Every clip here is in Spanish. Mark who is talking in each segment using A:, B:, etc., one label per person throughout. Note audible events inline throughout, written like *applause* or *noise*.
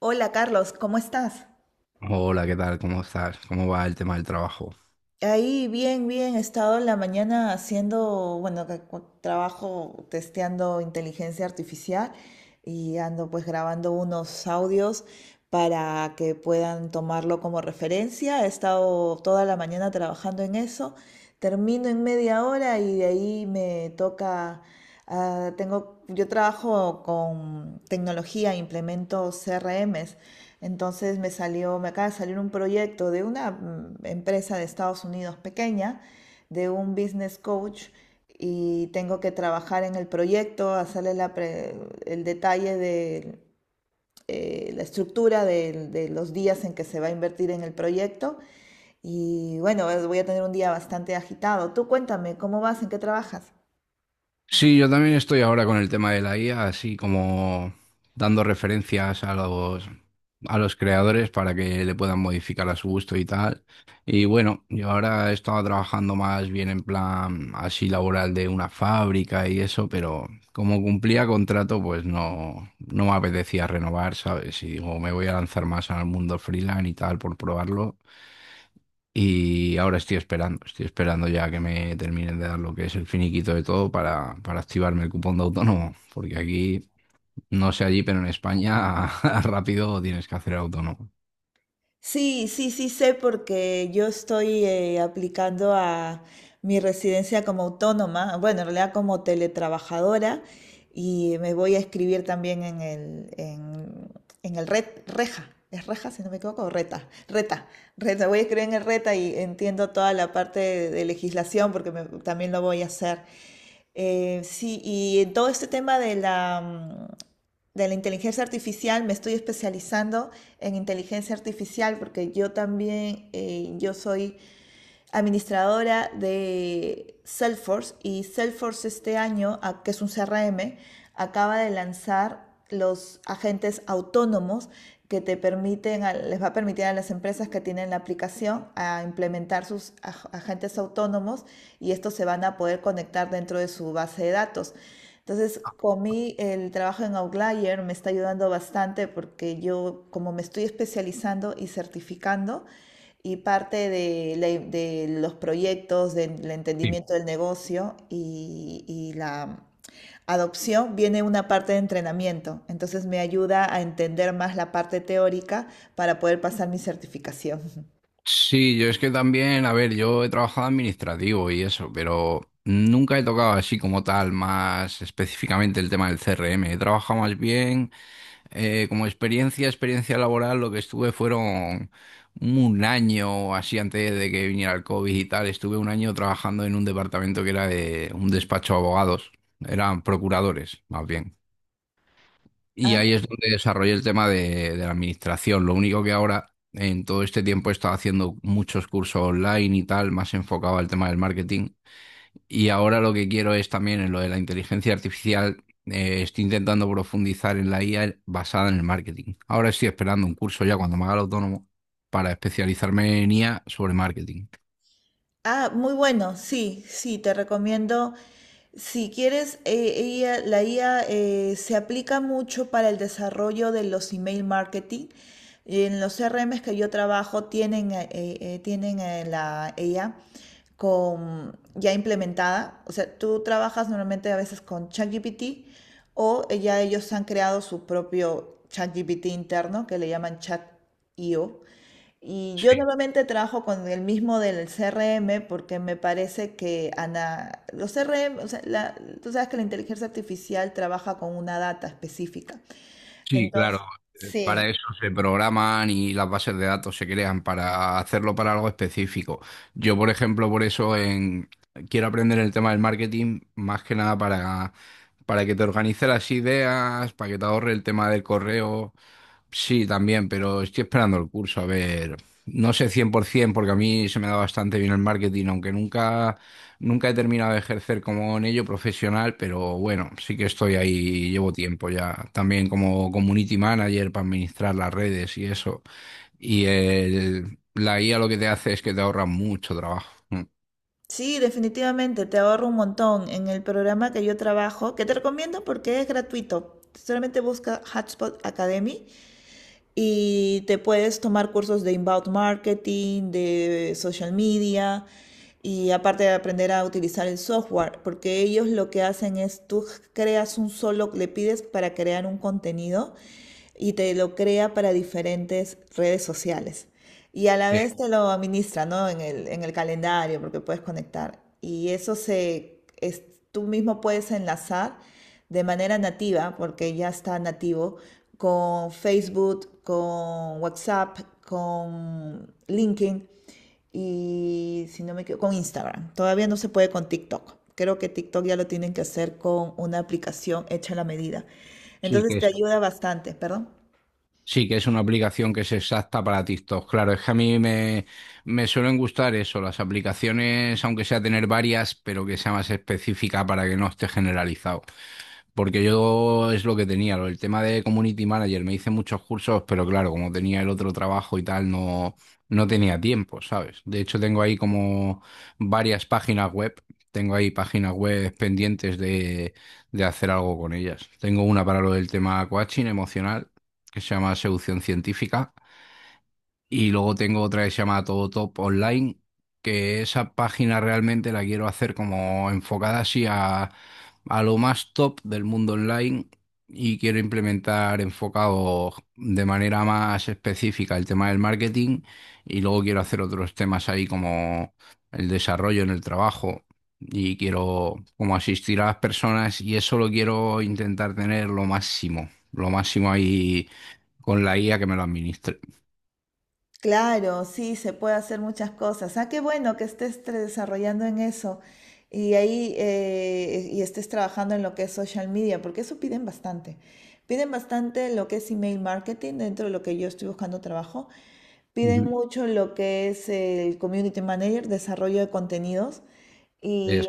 A: Hola Carlos, ¿cómo estás?
B: Hola, ¿qué tal? ¿Cómo estás? ¿Cómo va el tema del trabajo?
A: Ahí bien, bien, he estado en la mañana haciendo, bueno, trabajo testeando inteligencia artificial y ando pues grabando unos audios para que puedan tomarlo como referencia. He estado toda la mañana trabajando en eso, termino en media hora y de ahí me toca, tengo, yo trabajo con tecnología, implemento CRMs. Entonces me salió, me acaba de salir un proyecto de una empresa de Estados Unidos pequeña, de un business coach, y tengo que trabajar en el proyecto, el detalle de la estructura de los días en que se va a invertir en el proyecto. Y bueno, voy a tener un día bastante agitado. Tú cuéntame, ¿cómo vas? ¿En qué trabajas?
B: Sí, yo también estoy ahora con el tema de la IA, así como dando referencias a los creadores para que le puedan modificar a su gusto y tal. Y bueno, yo ahora estaba trabajando más bien en plan así laboral de una fábrica y eso, pero como cumplía contrato, pues no, no me apetecía renovar, ¿sabes? Y digo, me voy a lanzar más al mundo freelance y tal por probarlo. Y ahora estoy esperando ya que me terminen de dar lo que es el finiquito de todo para activarme el cupón de autónomo, porque aquí, no sé allí, pero en España *laughs* rápido tienes que hacer autónomo.
A: Sí, sí, sí sé porque yo estoy aplicando a mi residencia como autónoma, bueno, en realidad como teletrabajadora y me voy a escribir también en el RET, REJA, es REJA si no me equivoco, o RETA, RETA, RETA, voy a escribir en el RETA y entiendo toda la parte de legislación porque también lo voy a hacer. Sí, y en todo este tema de la, de la inteligencia artificial, me estoy especializando en inteligencia artificial porque yo también, yo soy administradora de Salesforce y Salesforce este año, que es un CRM, acaba de lanzar los agentes autónomos que te permiten, les va a permitir a las empresas que tienen la aplicación a implementar sus agentes autónomos y estos se van a poder conectar dentro de su base de datos. Entonces, con mí el trabajo en Outlier me está ayudando bastante porque yo, como me estoy especializando y certificando, y parte de, de los proyectos, del
B: Sí.
A: entendimiento del negocio y la adopción, viene una parte de entrenamiento. Entonces me ayuda a entender más la parte teórica para poder pasar mi certificación.
B: Sí, yo es que también, a ver, yo he trabajado administrativo y eso, pero nunca he tocado así como tal, más específicamente el tema del CRM. He trabajado más bien. Como experiencia laboral, lo que estuve fueron un año o así antes de que viniera el COVID y tal. Estuve un año trabajando en un departamento que era de un despacho de abogados, eran procuradores más bien. Y ahí
A: *laughs*
B: es donde desarrollé el tema de la administración. Lo único que ahora, en todo este tiempo, he estado haciendo muchos cursos online y tal, más enfocado al tema del marketing. Y ahora lo que quiero es también en lo de la inteligencia artificial. Estoy intentando profundizar en la IA basada en el marketing. Ahora estoy esperando un curso ya cuando me haga el autónomo para especializarme en IA sobre marketing.
A: Ah, muy bueno, sí, sí, te recomiendo. Si quieres, la IA, se aplica mucho para el desarrollo de los email marketing. En los CRMs que yo trabajo tienen, tienen la IA con, ya implementada. O sea, tú trabajas normalmente a veces con ChatGPT o ya ellos han creado su propio ChatGPT interno que le llaman ChatIO y yo
B: Sí.
A: normalmente trabajo con el mismo del CRM porque me parece que los CRM, o sea, la- tú sabes que la inteligencia artificial trabaja con una data específica.
B: Sí, claro.
A: Entonces,
B: Para
A: sí,
B: eso se programan y las bases de datos se crean para hacerlo para algo específico. Yo, por ejemplo, por eso quiero aprender el tema del marketing más que nada para que te organice las ideas, para que te ahorre el tema del correo. Sí, también, pero estoy esperando el curso. A ver, no sé 100% porque a mí se me da bastante bien el marketing, aunque nunca he terminado de ejercer como en ello profesional, pero bueno, sí que estoy ahí, llevo tiempo ya, también como community manager para administrar las redes y eso. Y la IA lo que te hace es que te ahorra mucho trabajo. Mm.
A: sí, definitivamente te ahorro un montón. En el programa que yo trabajo, que te recomiendo porque es gratuito, solamente busca Hotspot Academy y te puedes tomar cursos de inbound marketing, de social media y aparte de aprender a utilizar el software, porque ellos lo que hacen es tú creas un solo, le pides para crear un contenido y te lo crea para diferentes redes sociales y a la
B: Eh,
A: vez te lo administra, ¿no? En el calendario, porque puedes conectar. Y eso se, es- tú mismo puedes enlazar de manera nativa, porque ya está nativo, con Facebook, con WhatsApp, con LinkedIn y, si no me equivoco, con Instagram. Todavía no se puede con TikTok. Creo que TikTok ya lo tienen que hacer con una aplicación hecha a la medida.
B: Sí que
A: Entonces te
B: es,
A: ujú ayuda bastante, perdón.
B: sí que es una aplicación que es exacta para TikTok. Claro, es que a mí me suelen gustar eso, las aplicaciones, aunque sea tener varias, pero que sea más específica para que no esté generalizado. Porque yo es lo que tenía, el tema de community manager, me hice muchos cursos, pero claro, como tenía el otro trabajo y tal, no, no tenía tiempo, ¿sabes? De hecho, tengo ahí como varias páginas web, tengo ahí páginas web pendientes de hacer algo con ellas. Tengo una para lo del tema coaching emocional, que se llama Seducción Científica. Y luego tengo otra que se llama Todo Top Online, que esa página realmente la quiero hacer como enfocada así a lo más top del mundo online y quiero implementar enfocado de manera más específica el tema del marketing y luego quiero hacer otros temas ahí como el desarrollo en el trabajo y quiero como asistir a las personas y eso lo quiero intentar tener lo máximo ahí con la IA que me lo administre.
A: Claro, sí, se puede hacer muchas cosas. Ah, qué bueno que estés desarrollando en eso y ahí y estés trabajando en lo que es social media, porque eso piden bastante. Piden bastante lo que es email marketing dentro de lo que yo estoy buscando trabajo. Piden
B: Ujú.
A: mucho lo que es el community manager, desarrollo de contenidos y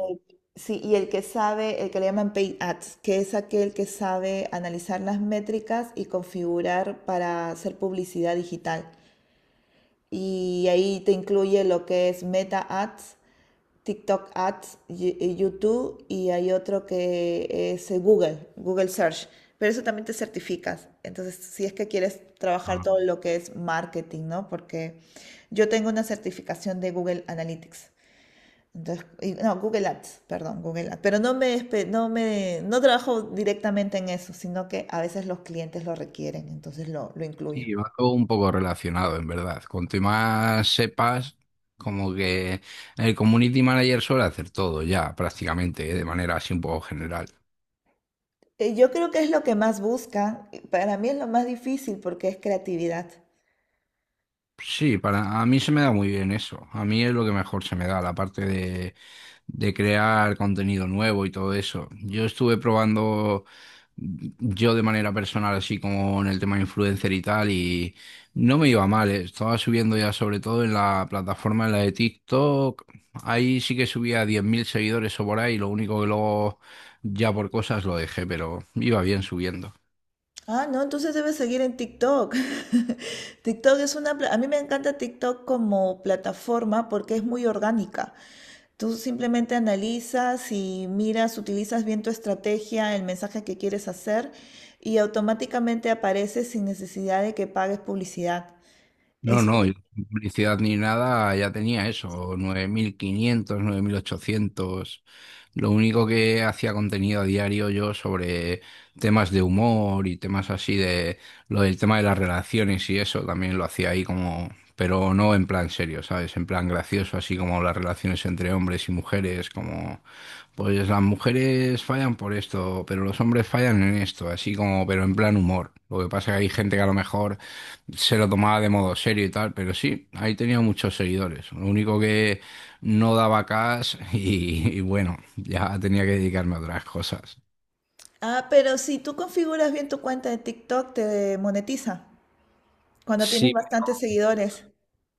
A: sí, y el que sabe, el que le llaman paid ads, que es aquel que sabe analizar las métricas y configurar para hacer publicidad digital. Y ahí te incluye lo que es Meta Ads, TikTok Ads, YouTube y hay otro que es Google, Google Search. Pero eso también te certificas. Entonces, si es que quieres trabajar
B: Ah,
A: todo lo que es marketing, ¿no? Porque yo tengo una certificación de Google Analytics. Entonces, no, Google Ads, perdón, Google Ads. Pero no me, no trabajo directamente en eso, sino que a veces los clientes lo requieren, entonces lo incluyo.
B: y va todo un poco relacionado, en verdad. Cuanto más sepas, como que el community manager suele hacer todo ya, prácticamente, ¿eh? De manera así un poco general.
A: Yo creo que es lo que más buscan. Y para mí es lo más difícil porque es creatividad.
B: Sí, para a mí se me da muy bien eso. A mí es lo que mejor se me da, la parte de crear contenido nuevo y todo eso. Yo estuve probando yo de manera personal, así como en el tema influencer y tal, y no me iba mal. Estaba subiendo ya sobre todo en la plataforma, en la de TikTok. Ahí sí que subía 10.000 seguidores o por ahí, lo único que luego ya por cosas lo dejé, pero iba bien subiendo.
A: Ah, no, entonces debes seguir en TikTok. *laughs* TikTok es una... a mí me encanta TikTok como plataforma porque es muy orgánica. Tú simplemente analizas y miras, utilizas bien tu estrategia, el mensaje que quieres hacer y automáticamente aparece sin necesidad de que pagues publicidad.
B: No,
A: Es...
B: no, yo sin publicidad ni nada, ya tenía eso, nueve mil quinientos, 9.800. Lo único que hacía contenido a diario yo sobre temas de humor y temas así de lo del tema de las relaciones y eso también lo hacía ahí como, pero no en plan serio, ¿sabes? En plan gracioso, así como las relaciones entre hombres y mujeres, como pues las mujeres fallan por esto, pero los hombres fallan en esto, así como, pero en plan humor. Lo que pasa es que hay gente que a lo mejor se lo tomaba de modo serio y tal, pero sí, ahí tenía muchos seguidores. Lo único que no daba cash *laughs* y bueno, ya tenía que dedicarme a otras cosas.
A: ah, pero si tú configuras bien tu cuenta de TikTok, te monetiza cuando tienes
B: Sí,
A: bastantes seguidores.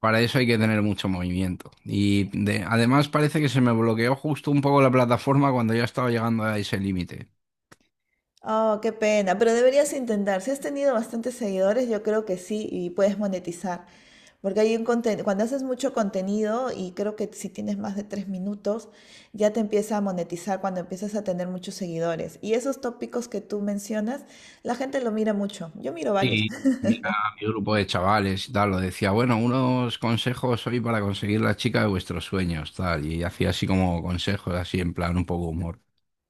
B: para eso hay que tener mucho movimiento. Y además parece que se me bloqueó justo un poco la plataforma cuando ya estaba llegando a ese límite.
A: Oh, qué pena, pero deberías intentar. Si has tenido bastantes seguidores, yo creo que sí y puedes monetizar. Porque hay un conten- cuando haces mucho contenido y creo que si tienes más de tres minutos, ya te empieza a monetizar cuando empiezas a tener muchos seguidores. Y esos tópicos que tú mencionas, la gente lo mira mucho. Yo miro varios.
B: Y tenía mi grupo de chavales y tal, lo decía, bueno, unos consejos hoy para conseguir la chica de vuestros sueños, tal, y hacía así como consejos, así en plan un poco humor.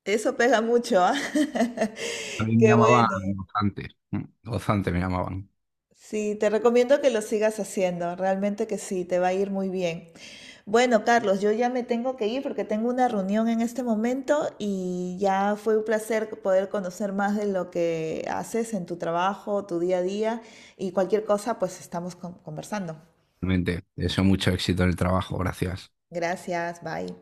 A: Eso pega mucho, ¿ah? *laughs*
B: A mí me
A: Qué
B: llamaban
A: bueno.
B: gozante, gozante me llamaban,
A: Sí, te recomiendo que lo sigas haciendo. Realmente que sí, te va a ir muy bien. Bueno, Carlos, yo ya me tengo que ir porque tengo una reunión en este momento y ya fue un placer poder conocer más de lo que haces en tu trabajo, tu día a día y cualquier cosa, pues estamos conversando.
B: realmente. Deseo mucho éxito en el trabajo, gracias.
A: Gracias, bye.